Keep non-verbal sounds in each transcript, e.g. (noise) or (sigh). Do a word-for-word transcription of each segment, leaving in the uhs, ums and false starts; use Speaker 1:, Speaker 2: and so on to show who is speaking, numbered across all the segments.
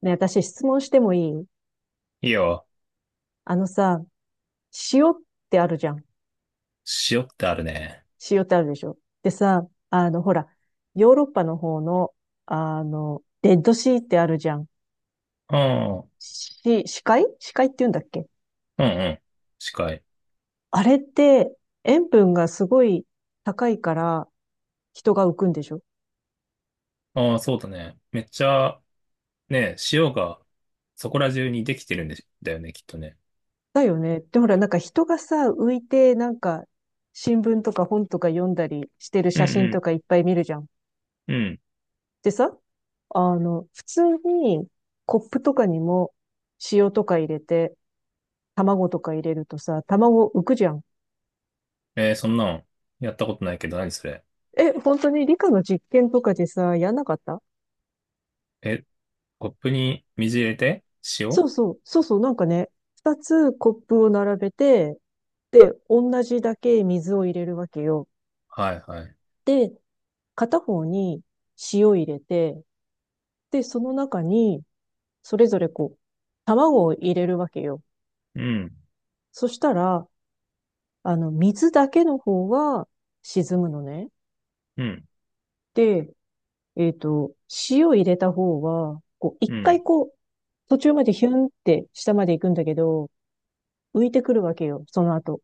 Speaker 1: ね、私質問してもいい？
Speaker 2: いいよ。
Speaker 1: あのさ、塩ってあるじゃん。
Speaker 2: 塩ってあるね。
Speaker 1: 塩ってあるでしょ。でさ、あの、ほら、ヨーロッパの方の、あの、レッドシーってあるじゃん。
Speaker 2: うん。うん
Speaker 1: し、死海死海って言うんだっけ？
Speaker 2: うん。近い。
Speaker 1: あれって、塩分がすごい高いから人が浮くんでしょ？
Speaker 2: ああ、そうだね。めっちゃ、ね、塩がそこら中にできてるんで、だよね、きっとね。
Speaker 1: だよね。で、ほら、なんか人がさ、浮いて、なんか、新聞とか本とか読んだりしてる
Speaker 2: う
Speaker 1: 写真と
Speaker 2: ん
Speaker 1: かいっぱい見るじゃん。
Speaker 2: うん。うん。
Speaker 1: でさ、あの、普通にコップとかにも塩とか入れて、卵とか入れるとさ、卵浮くじゃん。
Speaker 2: えーそんなん、やったことないけど、何それ。
Speaker 1: え、本当に理科の実験とかでさ、やんなかった？
Speaker 2: え、コップに水入れて
Speaker 1: そ
Speaker 2: 塩
Speaker 1: うそう、そうそう、なんかね、二つコップを並べて、で、同じだけ水を入れるわけよ。
Speaker 2: はいはい。
Speaker 1: で、片方に塩入れて、で、その中に、それぞれこう、卵を入れるわけよ。
Speaker 2: うん。
Speaker 1: そしたら、あの、水だけの方は沈むのね。
Speaker 2: うん。
Speaker 1: で、えっと、塩入れた方は、こう、一
Speaker 2: う
Speaker 1: 回
Speaker 2: ん。
Speaker 1: こう、途中までヒュンって下まで行くんだけど、浮いてくるわけよ、その後。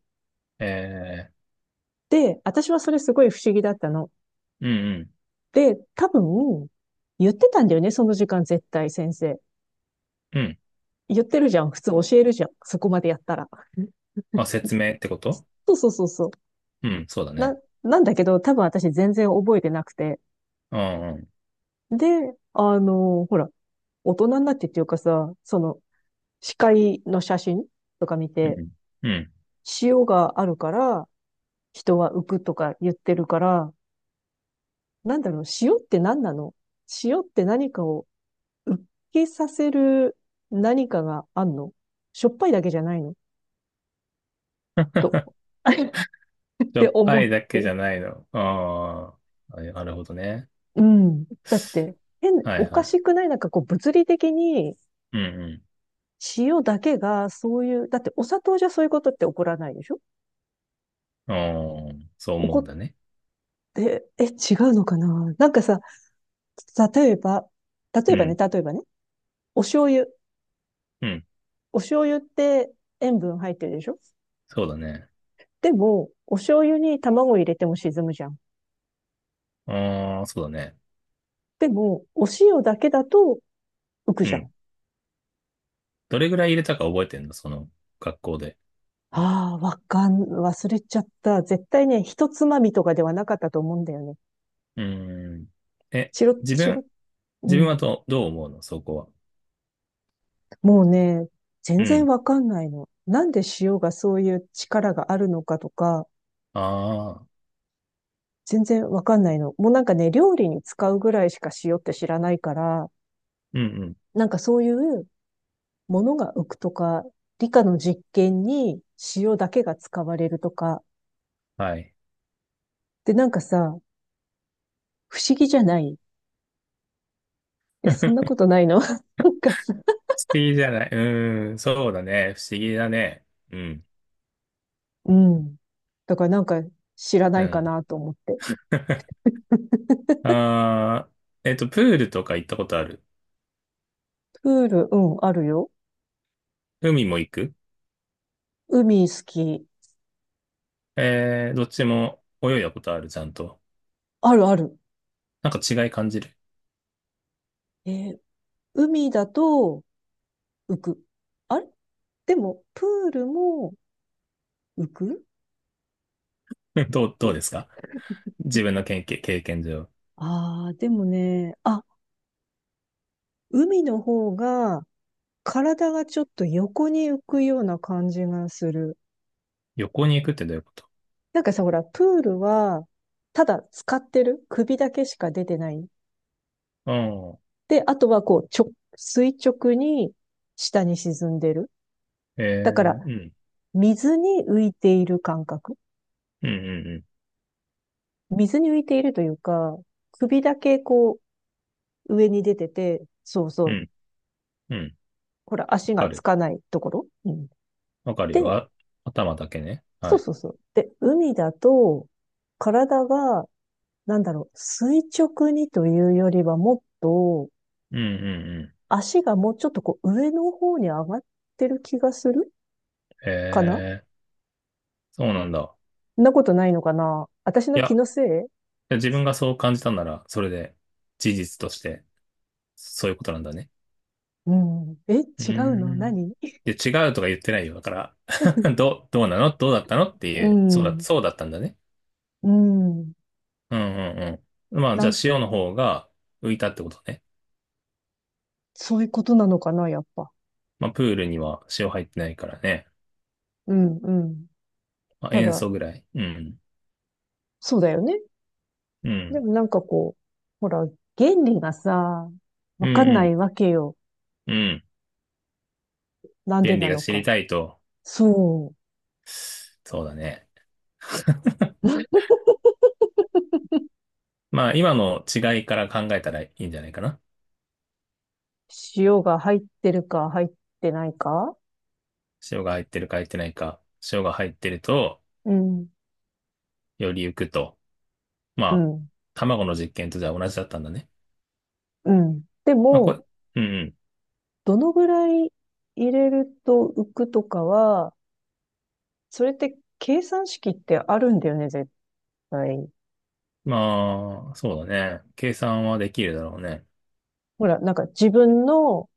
Speaker 2: え
Speaker 1: で、私はそれすごい不思議だったの。
Speaker 2: ー、うん
Speaker 1: で、多分、言ってたんだよね、その時間絶対先生。
Speaker 2: うん。うん。
Speaker 1: 言ってるじゃん、普通教えるじゃん、そこまでやったら。
Speaker 2: あ、説明ってこと？
Speaker 1: そうそうそうそう。
Speaker 2: うん、そうだ
Speaker 1: な、
Speaker 2: ね。
Speaker 1: なんだけど、多分私全然覚えてなくて。
Speaker 2: うんうん。
Speaker 1: で、あの、ほら、大人になってっていうかさ、その、視界の写真とか見
Speaker 2: う
Speaker 1: て、
Speaker 2: ん。うん。
Speaker 1: 塩があるから人は浮くとか言ってるから、なんだろう、塩って何なの？塩って何かを浮きさせる何かがあんの？しょっぱいだけじゃないの？と、(laughs) っ
Speaker 2: しょ
Speaker 1: て
Speaker 2: っぱ
Speaker 1: 思っ
Speaker 2: いだけじ
Speaker 1: て。
Speaker 2: ゃないの。ああ、なるほどね。
Speaker 1: うん。だって、変、
Speaker 2: はい
Speaker 1: おか
Speaker 2: は
Speaker 1: し
Speaker 2: い。
Speaker 1: くない？なんかこう物理的に
Speaker 2: うん
Speaker 1: 塩だけがそういう、だってお砂糖じゃそういうことって起こらないでしょ？
Speaker 2: うん。ああ、そう
Speaker 1: 起
Speaker 2: 思
Speaker 1: こ
Speaker 2: うん
Speaker 1: っ
Speaker 2: だね。
Speaker 1: て、え、違うのかな？なんかさ、例えば、例
Speaker 2: う
Speaker 1: えばね、
Speaker 2: ん。
Speaker 1: 例えばね、お醤油。
Speaker 2: うん。
Speaker 1: お醤油って塩分入ってるでしょ？
Speaker 2: そうだね。
Speaker 1: でも、お醤油に卵入れても沈むじゃん。
Speaker 2: ああ、そうだね。
Speaker 1: でも、お塩だけだと浮く
Speaker 2: う
Speaker 1: じゃ
Speaker 2: ん。
Speaker 1: ん。
Speaker 2: どれぐらい入れたか覚えてんの、その学校で？
Speaker 1: ああ、わかん、忘れちゃった。絶対ね、一つまみとかではなかったと思うんだよね。
Speaker 2: うーん。え、
Speaker 1: チロッ
Speaker 2: 自
Speaker 1: チロ
Speaker 2: 分、
Speaker 1: ッ。う
Speaker 2: 自分
Speaker 1: ん。
Speaker 2: はど、どう思うのそこは？
Speaker 1: もうね、全
Speaker 2: う
Speaker 1: 然
Speaker 2: ん。
Speaker 1: わかんないの。なんで塩がそういう力があるのかとか、
Speaker 2: ああ、
Speaker 1: 全然わかんないの。もうなんかね、料理に使うぐらいしか塩って知らないから、
Speaker 2: うんうん。
Speaker 1: なんかそういうものが浮くとか、理科の実験に塩だけが使われるとか、
Speaker 2: はい。
Speaker 1: でなんかさ、不思議じゃない？え、そんなこ
Speaker 2: (laughs)
Speaker 1: とないの？ (laughs) なんかさ、
Speaker 2: 不思議じゃない。うーん。そうだね。不思議だね。うん。
Speaker 1: うん。だからなんか知らな
Speaker 2: う
Speaker 1: いか
Speaker 2: ん。
Speaker 1: なと思って。
Speaker 2: (laughs) ああ、えっと、プールとか行ったことある？
Speaker 1: プール、うん、あるよ。
Speaker 2: 海も行く？
Speaker 1: 海好き。
Speaker 2: えー、どっちも泳いだことある、ちゃんと？
Speaker 1: あるある。
Speaker 2: なんか違い感じる？
Speaker 1: えー海だと浮く。あれ？でも、プールも浮く？
Speaker 2: (laughs) どう、どうですか、自分の経験、経験上。
Speaker 1: ああー、でもね、あ、海の方が体がちょっと横に浮くような感じがする。
Speaker 2: 横に行くってどういうこと？
Speaker 1: なんかさ、ほら、プールは、ただ使ってる首だけしか出てない。
Speaker 2: ああ、
Speaker 1: で、あとはこう、ちょ、垂直に下に沈んでる。
Speaker 2: え
Speaker 1: だから、
Speaker 2: えうん。
Speaker 1: 水に浮いている感覚。
Speaker 2: うんうん
Speaker 1: 水に浮いているというか、首だけこう、上に出てて、そうそ
Speaker 2: う
Speaker 1: う。
Speaker 2: ん。うん。うん。
Speaker 1: ほら、足が
Speaker 2: わか
Speaker 1: つ
Speaker 2: る。
Speaker 1: かないところ。うん、
Speaker 2: わかるよ。
Speaker 1: で、
Speaker 2: あ、頭だけね。は
Speaker 1: そう
Speaker 2: い。
Speaker 1: そうそう。で、海だと、体がなんだろう、垂直にというよりはもっと、
Speaker 2: うんうんうん。
Speaker 1: 足がもうちょっとこう上の方に上がってる気がするかな？
Speaker 2: ええ、そうなんだ。
Speaker 1: そんなことないのかな？私
Speaker 2: い
Speaker 1: の気
Speaker 2: や、
Speaker 1: のせい？
Speaker 2: 自分がそう感じたなら、それで事実としてそういうことなんだね。
Speaker 1: うん。え、
Speaker 2: う
Speaker 1: 違
Speaker 2: ー
Speaker 1: うの
Speaker 2: ん。
Speaker 1: 何？
Speaker 2: で、違うとか言ってないよ。だから (laughs)
Speaker 1: (laughs)
Speaker 2: どう、どうなのどうだったのってい
Speaker 1: う
Speaker 2: う、そうだ、
Speaker 1: ん。
Speaker 2: そうだったんだね。
Speaker 1: うん。
Speaker 2: うんうんうん。まあ、じ
Speaker 1: な
Speaker 2: ゃあ
Speaker 1: ん、
Speaker 2: 塩の方が浮いたってことね。
Speaker 1: そういうことなのかなやっぱ。
Speaker 2: まあ、プールには塩入ってないからね。
Speaker 1: うん、うん。
Speaker 2: まあ、
Speaker 1: た
Speaker 2: 塩
Speaker 1: だ、
Speaker 2: 素ぐらい。うん。
Speaker 1: そうだよね。
Speaker 2: う
Speaker 1: で
Speaker 2: ん。
Speaker 1: もなんかこう、ほら、原理がさ、
Speaker 2: う
Speaker 1: わかんな
Speaker 2: ん
Speaker 1: いわけよ。
Speaker 2: うん。うん。
Speaker 1: なんで
Speaker 2: 原理
Speaker 1: な
Speaker 2: が
Speaker 1: の
Speaker 2: 知り
Speaker 1: か。
Speaker 2: たいと。
Speaker 1: そう。
Speaker 2: そうだね。(laughs) まあ、今の違いから考えたらいいんじゃないかな。
Speaker 1: 塩が入ってるか入ってないか？
Speaker 2: 塩が入ってるか入ってないか。塩が入ってると、
Speaker 1: うん、
Speaker 2: より浮くと。ま
Speaker 1: う
Speaker 2: あ、
Speaker 1: ん、
Speaker 2: 卵の実験とじゃあ同じだったんだね。
Speaker 1: うん。で
Speaker 2: まあ、これ、
Speaker 1: も、
Speaker 2: うんうん。
Speaker 1: どのぐらい入れると浮くとかは、それって計算式ってあるんだよね、絶対。
Speaker 2: まあ、そうだね。計算はできるだろうね。
Speaker 1: ほら、なんか自分の、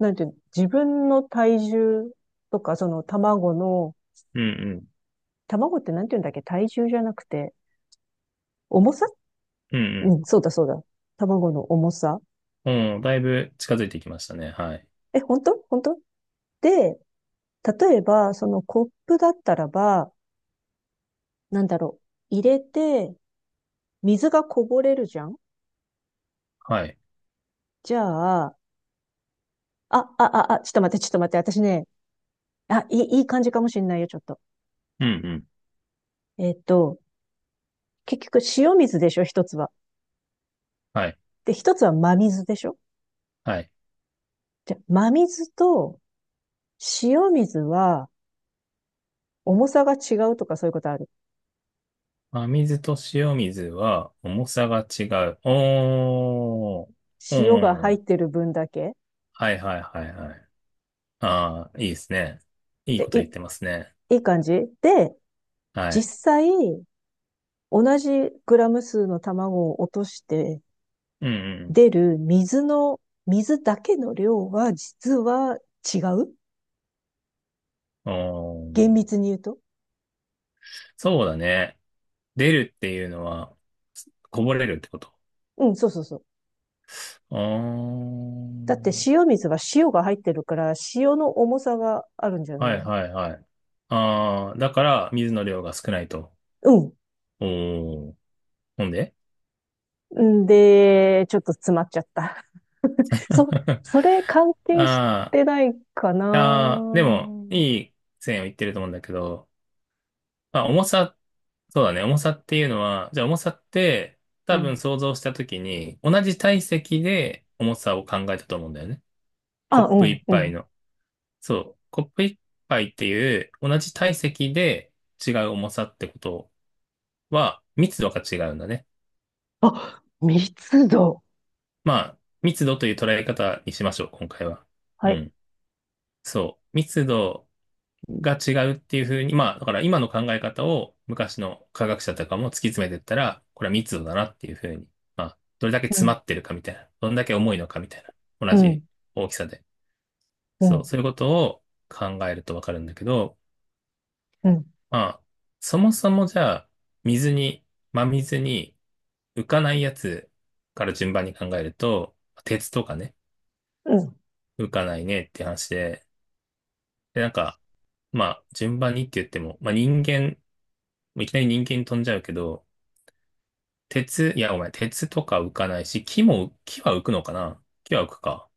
Speaker 1: なんていうの、自分の体重とか、その卵の、
Speaker 2: うんうん。
Speaker 1: 卵ってなんていうんだっけ、体重じゃなくて、重さ？
Speaker 2: うんう
Speaker 1: う
Speaker 2: ん。
Speaker 1: ん、そうだそうだ。卵の重さ。
Speaker 2: うん、だいぶ近づいてきましたね。はい。
Speaker 1: え、本当？本当？で、例えば、そのコップだったらば、なんだろう、入れて、水がこぼれるじゃん？
Speaker 2: はい。
Speaker 1: じゃあ、あ、あ、あ、あ、ちょっと待って、ちょっと待って、私ね、あ、いい、いい感じかもしんないよ、ちょっと。
Speaker 2: うんうん。
Speaker 1: えっと、結局、塩水でしょ、一つは。
Speaker 2: はい。
Speaker 1: で、一つは真水でしょ？
Speaker 2: はい。
Speaker 1: じゃあ、真水と塩水は、重さが違うとかそういうことある？
Speaker 2: 真水と塩水は重さが違う。おー。うん
Speaker 1: 塩が
Speaker 2: うんう
Speaker 1: 入っ
Speaker 2: ん。
Speaker 1: てる分だけ。
Speaker 2: はいはいはいはい。ああ、いいですね。いい
Speaker 1: で、
Speaker 2: こと
Speaker 1: いい、
Speaker 2: 言ってますね。
Speaker 1: いい感じで、
Speaker 2: は
Speaker 1: 実
Speaker 2: い。
Speaker 1: 際、同じグラム数の卵を落として
Speaker 2: うん
Speaker 1: 出る水の、水だけの量は実は違う、
Speaker 2: うん。お
Speaker 1: 厳
Speaker 2: ー。
Speaker 1: 密に言うと。
Speaker 2: そうだね。出るっていうのは、こぼれるってこと？
Speaker 1: うん、そうそうそう。
Speaker 2: お
Speaker 1: だって
Speaker 2: ー。
Speaker 1: 塩水は塩が入ってるから、塩の重さがあるんじゃな
Speaker 2: は
Speaker 1: いの？
Speaker 2: いはいはい。ああ、だから水の量が少ないと。
Speaker 1: う
Speaker 2: おー。ほんで
Speaker 1: ん。んで、ちょっと詰まっちゃった。
Speaker 2: (laughs)
Speaker 1: (laughs) そ、
Speaker 2: あ
Speaker 1: それ関係して
Speaker 2: あ、
Speaker 1: ないか
Speaker 2: ああ、
Speaker 1: な？
Speaker 2: でも、いい線を言ってると思うんだけど、まあ、重さ、そうだね、重さっていうのは、じゃあ重さって、
Speaker 1: う
Speaker 2: 多分
Speaker 1: ん。
Speaker 2: 想像したときに、同じ体積で重さを考えたと思うんだよね。コッ
Speaker 1: あ、う
Speaker 2: プ
Speaker 1: ん、
Speaker 2: 一
Speaker 1: う
Speaker 2: 杯
Speaker 1: ん。
Speaker 2: の。そう、コップ一杯っていう、同じ体積で違う重さってことは、密度が違うんだね。
Speaker 1: あ、密度。
Speaker 2: まあ、密度という捉え方にしましょう、今回は。
Speaker 1: は
Speaker 2: う
Speaker 1: い。
Speaker 2: ん。そう。密度が違うっていうふうに、まあ、だから今の考え方を昔の科学者とかも突き詰めていったら、これは密度だなっていうふうに、まあ、どれだけ
Speaker 1: う
Speaker 2: 詰ま
Speaker 1: ん、
Speaker 2: ってるかみたいな、どんだけ重いのかみたいな、同
Speaker 1: う
Speaker 2: じ
Speaker 1: ん、
Speaker 2: 大きさで。
Speaker 1: う
Speaker 2: そう、
Speaker 1: ん、
Speaker 2: そういうことを考えるとわかるんだけど、
Speaker 1: うん。
Speaker 2: まあ、そもそもじゃあ、水に、真水に浮かないやつから順番に考えると、鉄とかね、
Speaker 1: うん。
Speaker 2: 浮かないねって話で、で、なんか、まあ、順番にって言っても、まあ人間、いきなり人間に飛んじゃうけど、鉄、いや、ごめん、鉄とか浮かないし、木も、木は浮くのかな、木は浮くか。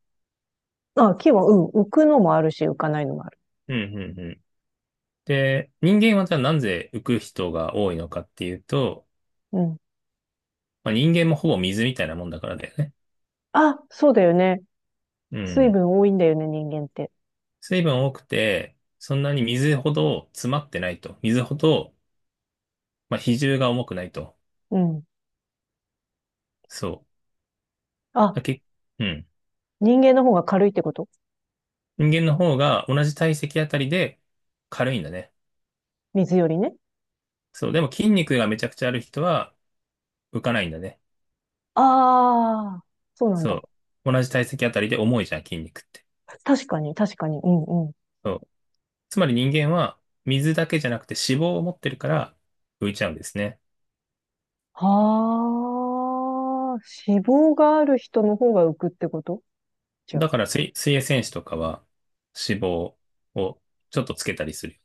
Speaker 1: あ、木は、うん、浮くのもあるし、浮かないのもある。
Speaker 2: うん、うん、うん。で、人間はじゃあなぜ浮く人が多いのかっていうと、
Speaker 1: うん。
Speaker 2: まあ、人間もほぼ水みたいなもんだからだよね。
Speaker 1: あ、そうだよね。
Speaker 2: う
Speaker 1: 水
Speaker 2: ん。
Speaker 1: 分多いんだよね、人間って。
Speaker 2: 水分多くて、そんなに水ほど詰まってないと。水ほど、まあ、比重が重くないと。
Speaker 1: うん。
Speaker 2: そう。
Speaker 1: あ、
Speaker 2: だけ、うん。
Speaker 1: 人間の方が軽いってこと？
Speaker 2: 人間の方が同じ体積あたりで軽いんだね。
Speaker 1: 水よりね。
Speaker 2: そう。でも筋肉がめちゃくちゃある人は浮かないんだね。
Speaker 1: ああ、そうなんだ。
Speaker 2: そう。同じ体積あたりで重いじゃん、筋肉って。
Speaker 1: 確かに、確かに。うんうん。
Speaker 2: そう。つまり人間は水だけじゃなくて脂肪を持ってるから浮いちゃうんですね。
Speaker 1: はあ、脂肪がある人の方が浮くってこと？じゃ
Speaker 2: だから水、水泳選手とかは脂肪をちょっとつけたりする。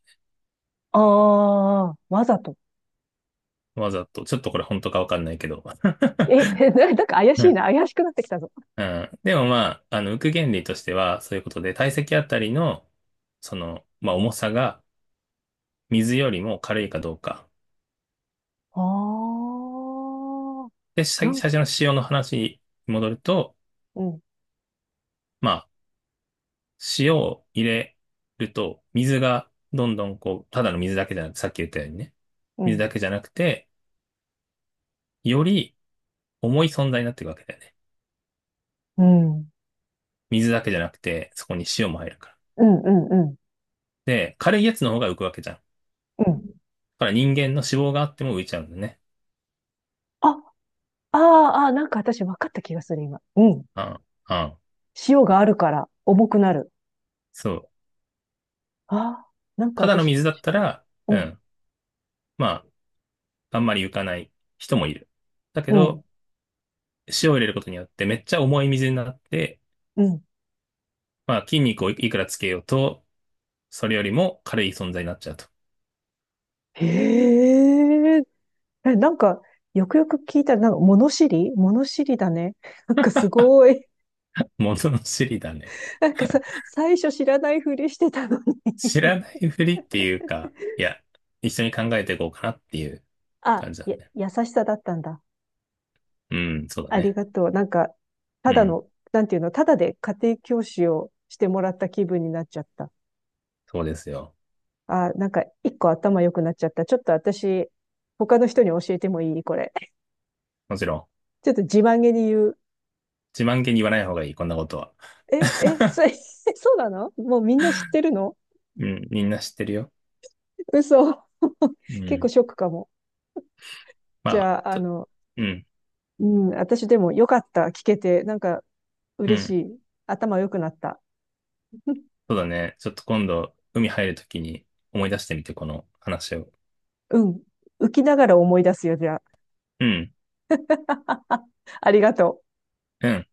Speaker 1: あ。ああ、わざと。
Speaker 2: わざと。ちょっとこれ本当かわかんないけど。(laughs)
Speaker 1: え、(laughs) なんか怪
Speaker 2: う
Speaker 1: しい
Speaker 2: ん
Speaker 1: な。怪しくなってきたぞ。
Speaker 2: うん。でもまあ、あの、浮く原理としてはそういうことで、体積あたりの、その、まあ重さが水よりも軽いかどうか。
Speaker 1: ああ、
Speaker 2: で、さ
Speaker 1: な
Speaker 2: 最
Speaker 1: ん、
Speaker 2: 初の用の話に戻ると、
Speaker 1: うん、
Speaker 2: まあ、塩を入れると、水がどんどんこう、ただの水だけじゃなくて、さっき言ったようにね、
Speaker 1: う
Speaker 2: 水
Speaker 1: ん、
Speaker 2: だけじゃなくて、より重い存在になっていくわけだよね。
Speaker 1: うん、
Speaker 2: 水だけじゃなくて、そこに塩も入るから。
Speaker 1: うん、うん、うん。
Speaker 2: で、軽いやつの方が浮くわけじゃん。だ
Speaker 1: うん。
Speaker 2: から人間の脂肪があっても浮いちゃうんだね。
Speaker 1: あ、あーあー、なんか私分かった気がする、今。うん。
Speaker 2: うん、うん、
Speaker 1: 塩があるから重くなる。
Speaker 2: そう。
Speaker 1: ああ、なんか
Speaker 2: ただの
Speaker 1: 私、
Speaker 2: 水だったら、う
Speaker 1: うん、
Speaker 2: ん、まあ、あんまり浮かない人もいる。だけ
Speaker 1: うん、
Speaker 2: ど、塩を入れることによってめっちゃ重い水になって、
Speaker 1: うん。
Speaker 2: まあ筋肉をいくらつけようと、それよりも軽い存在になっちゃうと。
Speaker 1: へえ。え、なんか、よくよく聞いたら、なんか、物知り物知りだね。(laughs) なんかすごい。
Speaker 2: 物のの知りだね。
Speaker 1: (laughs) なんかさ、
Speaker 2: (laughs)
Speaker 1: 最初知らないふりしてたの
Speaker 2: 知
Speaker 1: に
Speaker 2: らないふりっていうか、いや、一緒に考えていこうかなっていう
Speaker 1: (laughs) あ、
Speaker 2: 感じだ
Speaker 1: や、
Speaker 2: ね。
Speaker 1: 優しさだったんだ。
Speaker 2: うん、そうだ
Speaker 1: あり
Speaker 2: ね。
Speaker 1: がとう。なんか、た
Speaker 2: う
Speaker 1: だ
Speaker 2: ん、
Speaker 1: の、なんていうの、ただで家庭教師をしてもらった気分になっちゃった。
Speaker 2: そうですよ。
Speaker 1: あ、なんか、一個頭良くなっちゃった。ちょっと私、他の人に教えてもいいこれ？
Speaker 2: もちろん、
Speaker 1: ちょっと自慢げに言う。
Speaker 2: 自慢げに言わない方がいい、こんなことは。
Speaker 1: え、え、
Speaker 2: (laughs)
Speaker 1: それ (laughs) そうなの？もうみんな知ってるの？
Speaker 2: うん、みんな知ってるよ。
Speaker 1: 嘘。(laughs)
Speaker 2: う
Speaker 1: 結構
Speaker 2: ん。
Speaker 1: ショックかも。じ
Speaker 2: まあ、
Speaker 1: ゃあ、
Speaker 2: ち
Speaker 1: あ
Speaker 2: ょ、
Speaker 1: の、
Speaker 2: うん、
Speaker 1: うん、私でもよかった。聞けて、なんか
Speaker 2: う
Speaker 1: 嬉し
Speaker 2: ん。
Speaker 1: い。頭良くなった。(laughs)
Speaker 2: そうだね。ちょっと今度、海入るときに思い出してみて、この話を。
Speaker 1: うん。浮きながら思い出すよ、じゃ
Speaker 2: うん、
Speaker 1: あ。(laughs) ありがとう。
Speaker 2: うん。